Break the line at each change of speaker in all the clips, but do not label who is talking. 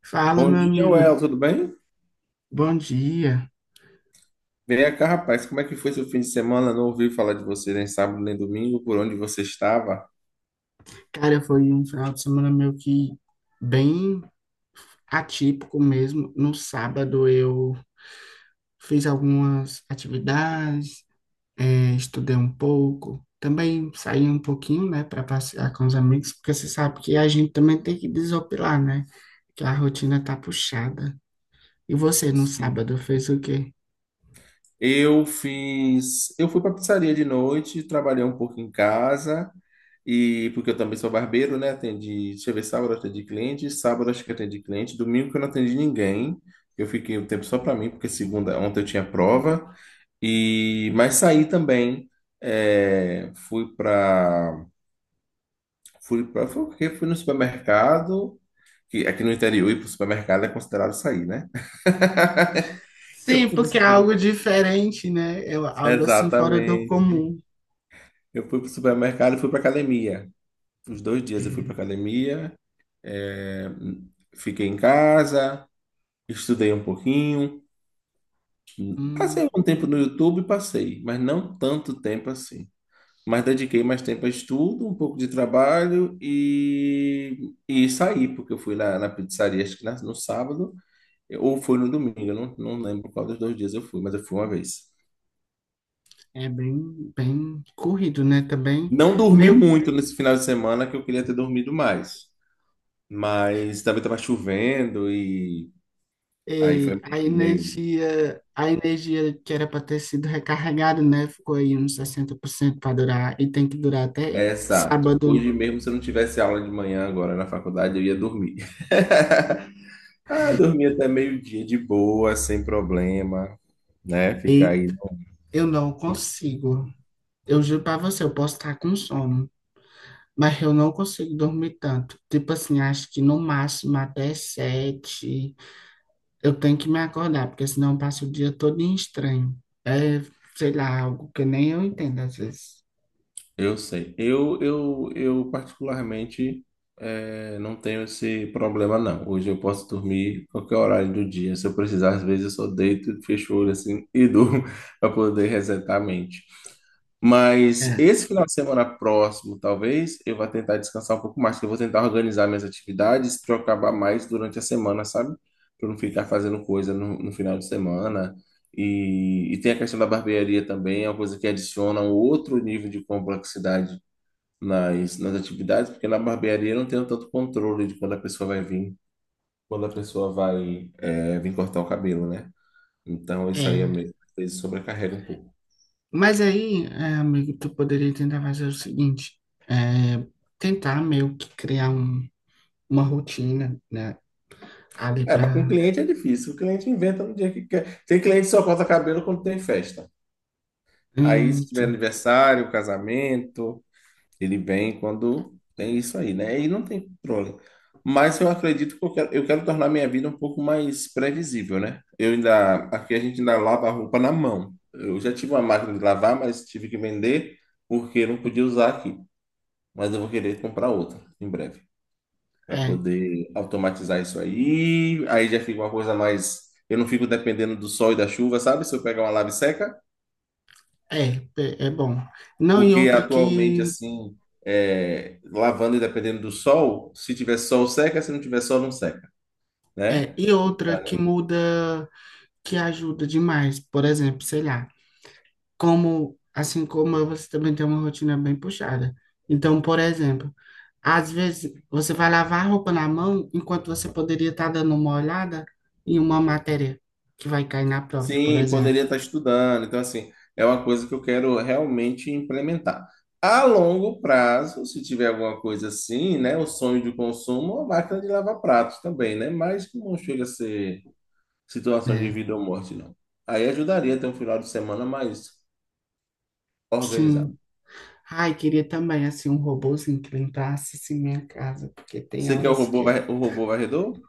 Fala,
Bom
meu
dia, Well,
amigo,
tudo bem?
bom dia.
Vem cá, rapaz, como é que foi seu fim de semana? Não ouvi falar de você nem sábado nem domingo, por onde você estava?
Cara, foi um final de semana meio que bem atípico mesmo. No sábado eu fiz algumas atividades, estudei um pouco, também saí um pouquinho, né, para passear com os amigos, porque você sabe que a gente também tem que desopilar, né? Que a rotina tá puxada. E você no
Sim.
sábado fez o quê?
Eu fiz. Eu fui para pizzaria de noite, trabalhei um pouco em casa, e porque eu também sou barbeiro, né? Atendi. Deixa eu ver, sábado eu atendi cliente, sábado acho que atendi cliente, domingo que eu não atendi ninguém. Eu fiquei um tempo só para mim, porque segunda, ontem eu tinha prova. E mas saí também. é, fui para fui para foi o quê? Fui no supermercado, que aqui no interior ir para o supermercado é considerado sair, né? Eu
Sim,
fui no
porque é
supermercado.
algo diferente, né? É algo assim fora do
Exatamente.
comum.
Eu fui pro supermercado e fui pra academia. Os dois
É.
dias eu fui pra academia, é, fiquei em casa, estudei um pouquinho, passei
Hum.
algum tempo no YouTube, passei, mas não tanto tempo assim. Mas dediquei mais tempo a estudo, um pouco de trabalho e saí, porque eu fui na pizzaria, acho que no sábado, ou foi no domingo, eu não lembro qual dos dois dias eu fui, mas eu fui uma vez.
É bem, bem corrido, né? Também
Não dormi
meio
muito nesse final de semana, que eu queria ter dormido mais, mas também estava chovendo e aí foi meio.
a energia que era para ter sido recarregada, né? Ficou aí uns 60% para durar e tem que durar até
É, exato. Hoje
sábado.
mesmo, se eu não tivesse aula de manhã agora na faculdade, eu ia dormir. Ah, dormir até meio-dia de boa, sem problema, né? Ficar aí.
Eita, eu não consigo. Eu juro para você, eu posso estar com sono, mas eu não consigo dormir tanto. Tipo assim, acho que no máximo até 7 eu tenho que me acordar, porque senão eu passo o dia todo em estranho. É, sei lá, algo que nem eu entendo às vezes.
Eu sei. Eu particularmente não tenho esse problema, não. Hoje eu posso dormir qualquer horário do dia. Se eu precisar, às vezes eu só deito, fecho o olho assim e durmo para poder resetar a mente. Mas
É.
esse final de semana próximo, talvez, eu vá tentar descansar um pouco mais, que eu vou tentar organizar minhas atividades para eu acabar mais durante a semana, sabe? Para não ficar fazendo coisa no, no final de semana e tem a questão da barbearia também, é uma coisa que adiciona um outro nível de complexidade nas atividades, porque na barbearia eu não tenho tanto controle de quando a pessoa vai vir, quando a pessoa vai vir cortar o cabelo, né? Então isso aí é
É,
meio, às vezes sobrecarrega um pouco.
mas aí, é, amigo, tu poderia tentar fazer o seguinte, é, tentar meio que criar um- uma rotina, né, ali
É, mas com
pra...
cliente é difícil, o cliente inventa no dia que quer. Tem cliente que só corta cabelo quando tem festa. Aí se tiver
Então,
aniversário, casamento, ele vem quando tem isso aí, né? E não tem controle. Mas eu acredito que eu quero tornar minha vida um pouco mais previsível, né? Eu ainda, aqui a gente ainda lava a roupa na mão. Eu já tive uma máquina de lavar, mas tive que vender porque eu não podia usar aqui. Mas eu vou querer comprar outra em breve para
é,
poder automatizar isso aí. Aí já fica uma coisa mais. Eu não fico dependendo do sol e da chuva, sabe? Se eu pegar uma lave seca.
é é bom. Não, e
Porque
outra
atualmente,
que...
assim, é, lavanda, dependendo do sol, se tiver sol, seca, se não tiver sol, não seca,
É,
né?
e outra que muda, que ajuda demais, por exemplo, sei lá, como, assim como eu, você também tem uma rotina bem puxada. Então, por exemplo, às vezes você vai lavar a roupa na mão enquanto você poderia estar dando uma olhada em uma matéria que vai cair na prova, por
Sim,
exemplo.
poderia estar estudando. Então, assim, é uma coisa que eu quero realmente implementar. A longo prazo, se tiver alguma coisa assim, né? O sonho de consumo, a máquina de lavar pratos também, né? Mas não chega a ser situação de
É,
vida ou morte, não. Aí ajudaria a ter um final de semana mais organizado.
sim. Ai, queria também assim um robozinho que limpasse assim, minha casa, porque tem
Você quer o
horas
robô,
que.
o robô varredor?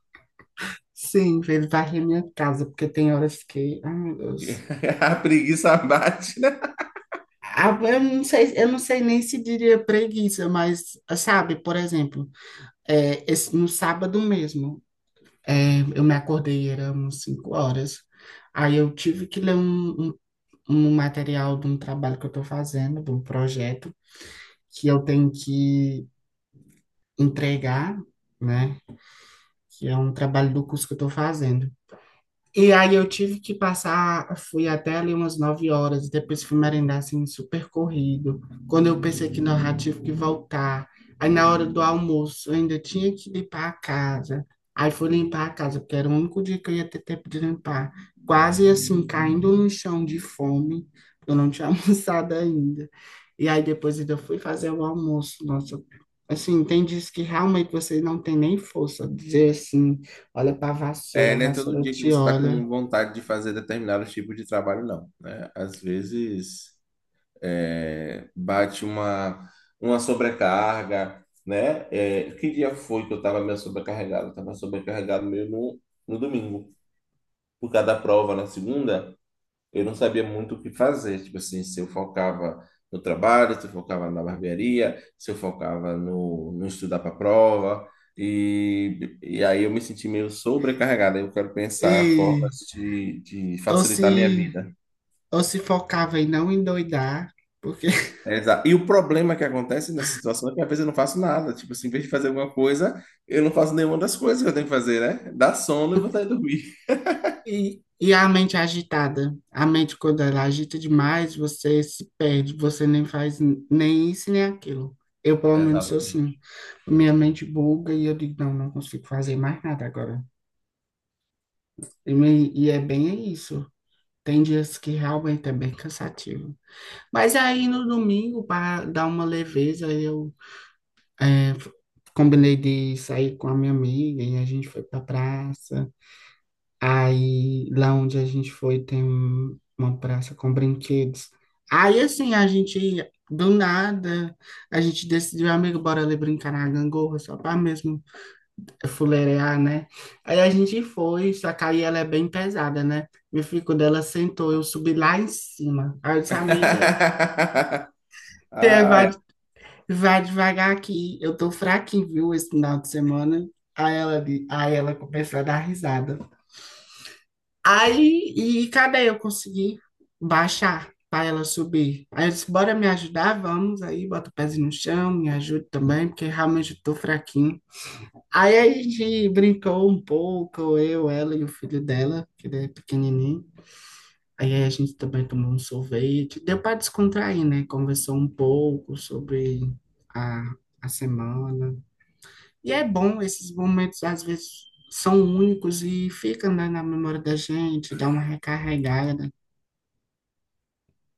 Sim, ele varre minha casa, porque tem horas que. Ai, meu Deus.
A preguiça bate, né?
Ah, eu não sei, eu não sei nem se diria preguiça, mas sabe, por exemplo, é, esse- no sábado mesmo. É, eu me acordei, eram 5 horas. Aí eu tive que ler um material de um trabalho que eu estou fazendo, de um projeto, que eu tenho que entregar, né? Que é um trabalho do curso que eu estou fazendo. E aí eu tive que passar, fui até ali umas 9 horas, depois fui merendar assim, super corrido. Quando eu pensei que não, já tive que voltar. Aí na hora do almoço eu ainda tinha que limpar a casa. Aí fui limpar a casa, porque era o único dia que eu ia ter tempo de limpar. Quase assim, caindo no chão de fome, eu não tinha almoçado ainda. E aí depois ainda fui fazer o almoço. Nossa, assim, tem dias que realmente você não tem nem força, de dizer assim. Olha pra vassoura, a
É, não é todo
vassoura
dia que
te
você está com
olha.
vontade de fazer determinados tipos de trabalho, não, né? Às vezes bate uma sobrecarga, né? É, que dia foi que eu estava meio sobrecarregado? Estava sobrecarregado meio no domingo, por causa da prova na segunda. Eu não sabia muito o que fazer. Tipo assim, se eu focava no trabalho, se eu focava na barbearia, se eu focava no estudar para prova. E aí eu me senti meio sobrecarregado. Eu quero pensar
Ei,
formas de
ou
facilitar a minha
se,
vida.
ou se focava em não endoidar, porque.
Exato. E o problema que acontece nessa situação é que às vezes eu não faço nada. Tipo assim, em vez de fazer alguma coisa, eu não faço nenhuma das coisas que eu tenho que fazer, né? Dá sono e vontade de dormir.
E a mente agitada. A mente, quando ela agita demais, você se perde, você nem faz n- nem isso nem aquilo. Eu, pelo menos, sou assim.
Exatamente.
Minha mente buga e eu digo, não, não consigo fazer mais nada agora. E é bem isso. Tem dias que realmente é bem cansativo. Mas aí no domingo, para dar uma leveza, eu É, f- combinei de sair com a minha amiga e a gente foi pra praça. Aí, lá onde a gente foi, tem um- uma praça com brinquedos. Aí, assim, a gente, do nada, a gente decidiu, amigo, bora ali brincar na gangorra, só pra mesmo fuleirar, né? Aí a gente foi, só que aí ela é bem pesada, né? Meu filho, quando ela sentou, eu subi lá em cima. Aí eu disse, amiga,
Ah, é
vai devagar aqui, eu tô fraquinho, viu, esse final de semana. Aí ela começou a dar risada. Aí, e cadê eu consegui baixar para ela subir? Aí eu disse, bora me ajudar, vamos aí, bota o pezinho no chão, me ajude também, porque realmente eu tô fraquinho. Aí a gente brincou um pouco, eu, ela e o filho dela, que ele é pequenininho. Aí a gente também tomou um sorvete, deu para descontrair, né? Conversou um pouco sobre a, a semana. E é bom, esses momentos às vezes são únicos e ficam, né, na memória da gente, dá uma recarregada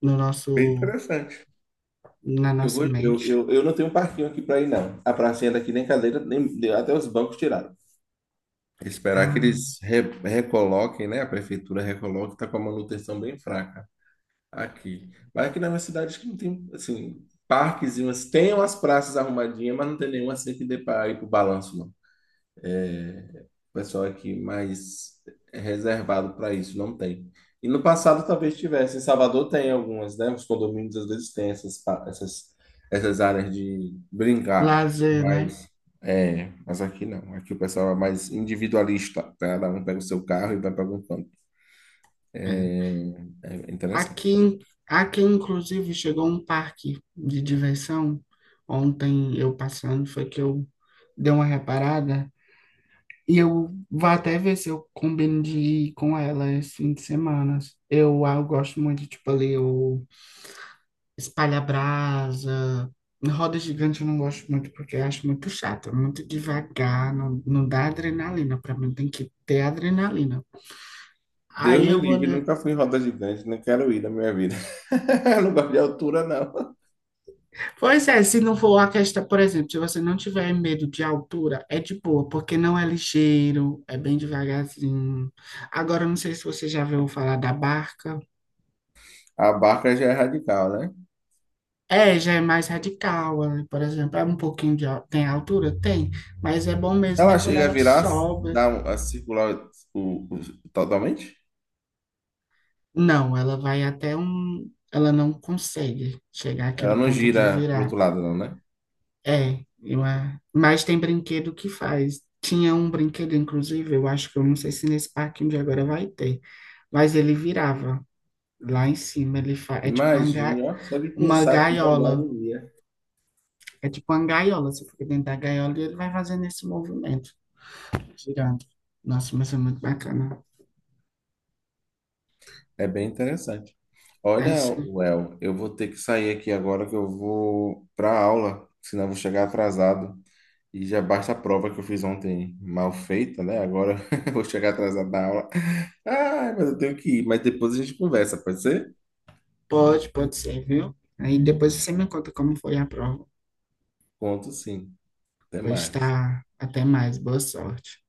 no
bem
nosso,
interessante.
na
Eu,
nossa
go-
mente.
eu não tenho um parquinho aqui para ir, não. A pracinha daqui nem cadeira, nem, até os bancos tiraram. Esperar que
Ah,
eles recoloquem, né? A prefeitura recoloque, tá com a manutenção bem fraca aqui. Mas aqui na minha cidade acho que não tem, assim, parques, e tem umas praças arrumadinhas, mas não tem nenhuma assim que dê para ir pro balanço, não. O pessoal aqui mais reservado para isso, não tem. E no passado talvez tivesse. Em Salvador tem algumas, né? Os condomínios às vezes têm essas áreas de brincar,
lazer, né?
mas, é, mas aqui não. Aqui o pessoal é mais individualista, né? Cada um pega o seu carro e vai para algum canto.
É.
É interessante.
Aqui, aqui, inclusive, chegou um parque de diversão. Ontem eu passando, foi que eu dei uma reparada. E eu vou até ver se eu combino de ir com ela esse fim de semana. Eu, ah, eu gosto muito de, tipo, ali, o espalha brasa. Roda gigante eu não gosto muito porque eu acho muito chato, é muito devagar, não, não dá adrenalina. Para mim tem que ter adrenalina.
Deus
Aí
me
eu vou
livre,
ler.
nunca fui em roda gigante, não quero ir na minha vida. Não gosto de altura, não.
Pois é, se não for a questão, por exemplo, se você não tiver medo de altura, é de boa, porque não é ligeiro, é bem devagarzinho. Agora, eu não sei se você já viu falar da barca.
A barca já é radical, né?
É, já é mais radical, né? Por exemplo, é um pouquinho de, al- tem altura? Tem, mas é bom mesmo é
Ela
quando
chega a
ela
virar,
sobe.
dar a circular o totalmente?
Não, ela vai até um. Ela não consegue chegar àquele
Ela não
ponto de
gira pro outro
virar.
lado, não, né?
É, eu, a- mas tem brinquedo que faz. Tinha um brinquedo, inclusive, eu acho que eu não sei se nesse parquinho de agora vai ter, mas ele virava lá em cima. Ele fa... É tipo uma, ga...
Imagina, ó, só de
uma
pensar que já me dá
gaiola.
agonia.
É tipo uma gaiola. Você fica dentro da gaiola e ele vai fazendo esse movimento, girando. Nossa, mas é muito bacana.
É bem interessante.
Aí
Olha,
sim,
Well, eu vou ter que sair aqui agora que eu vou para aula, senão eu vou chegar atrasado. E já basta a prova que eu fiz ontem mal feita, né? Agora eu vou chegar atrasado da aula. Ah, mas eu tenho que ir. Mas depois a gente conversa, pode ser?
pode, pode ser, viu? Aí depois você me conta como foi a prova.
Conto sim. Até
Pois
mais.
tá. Até mais. Boa sorte.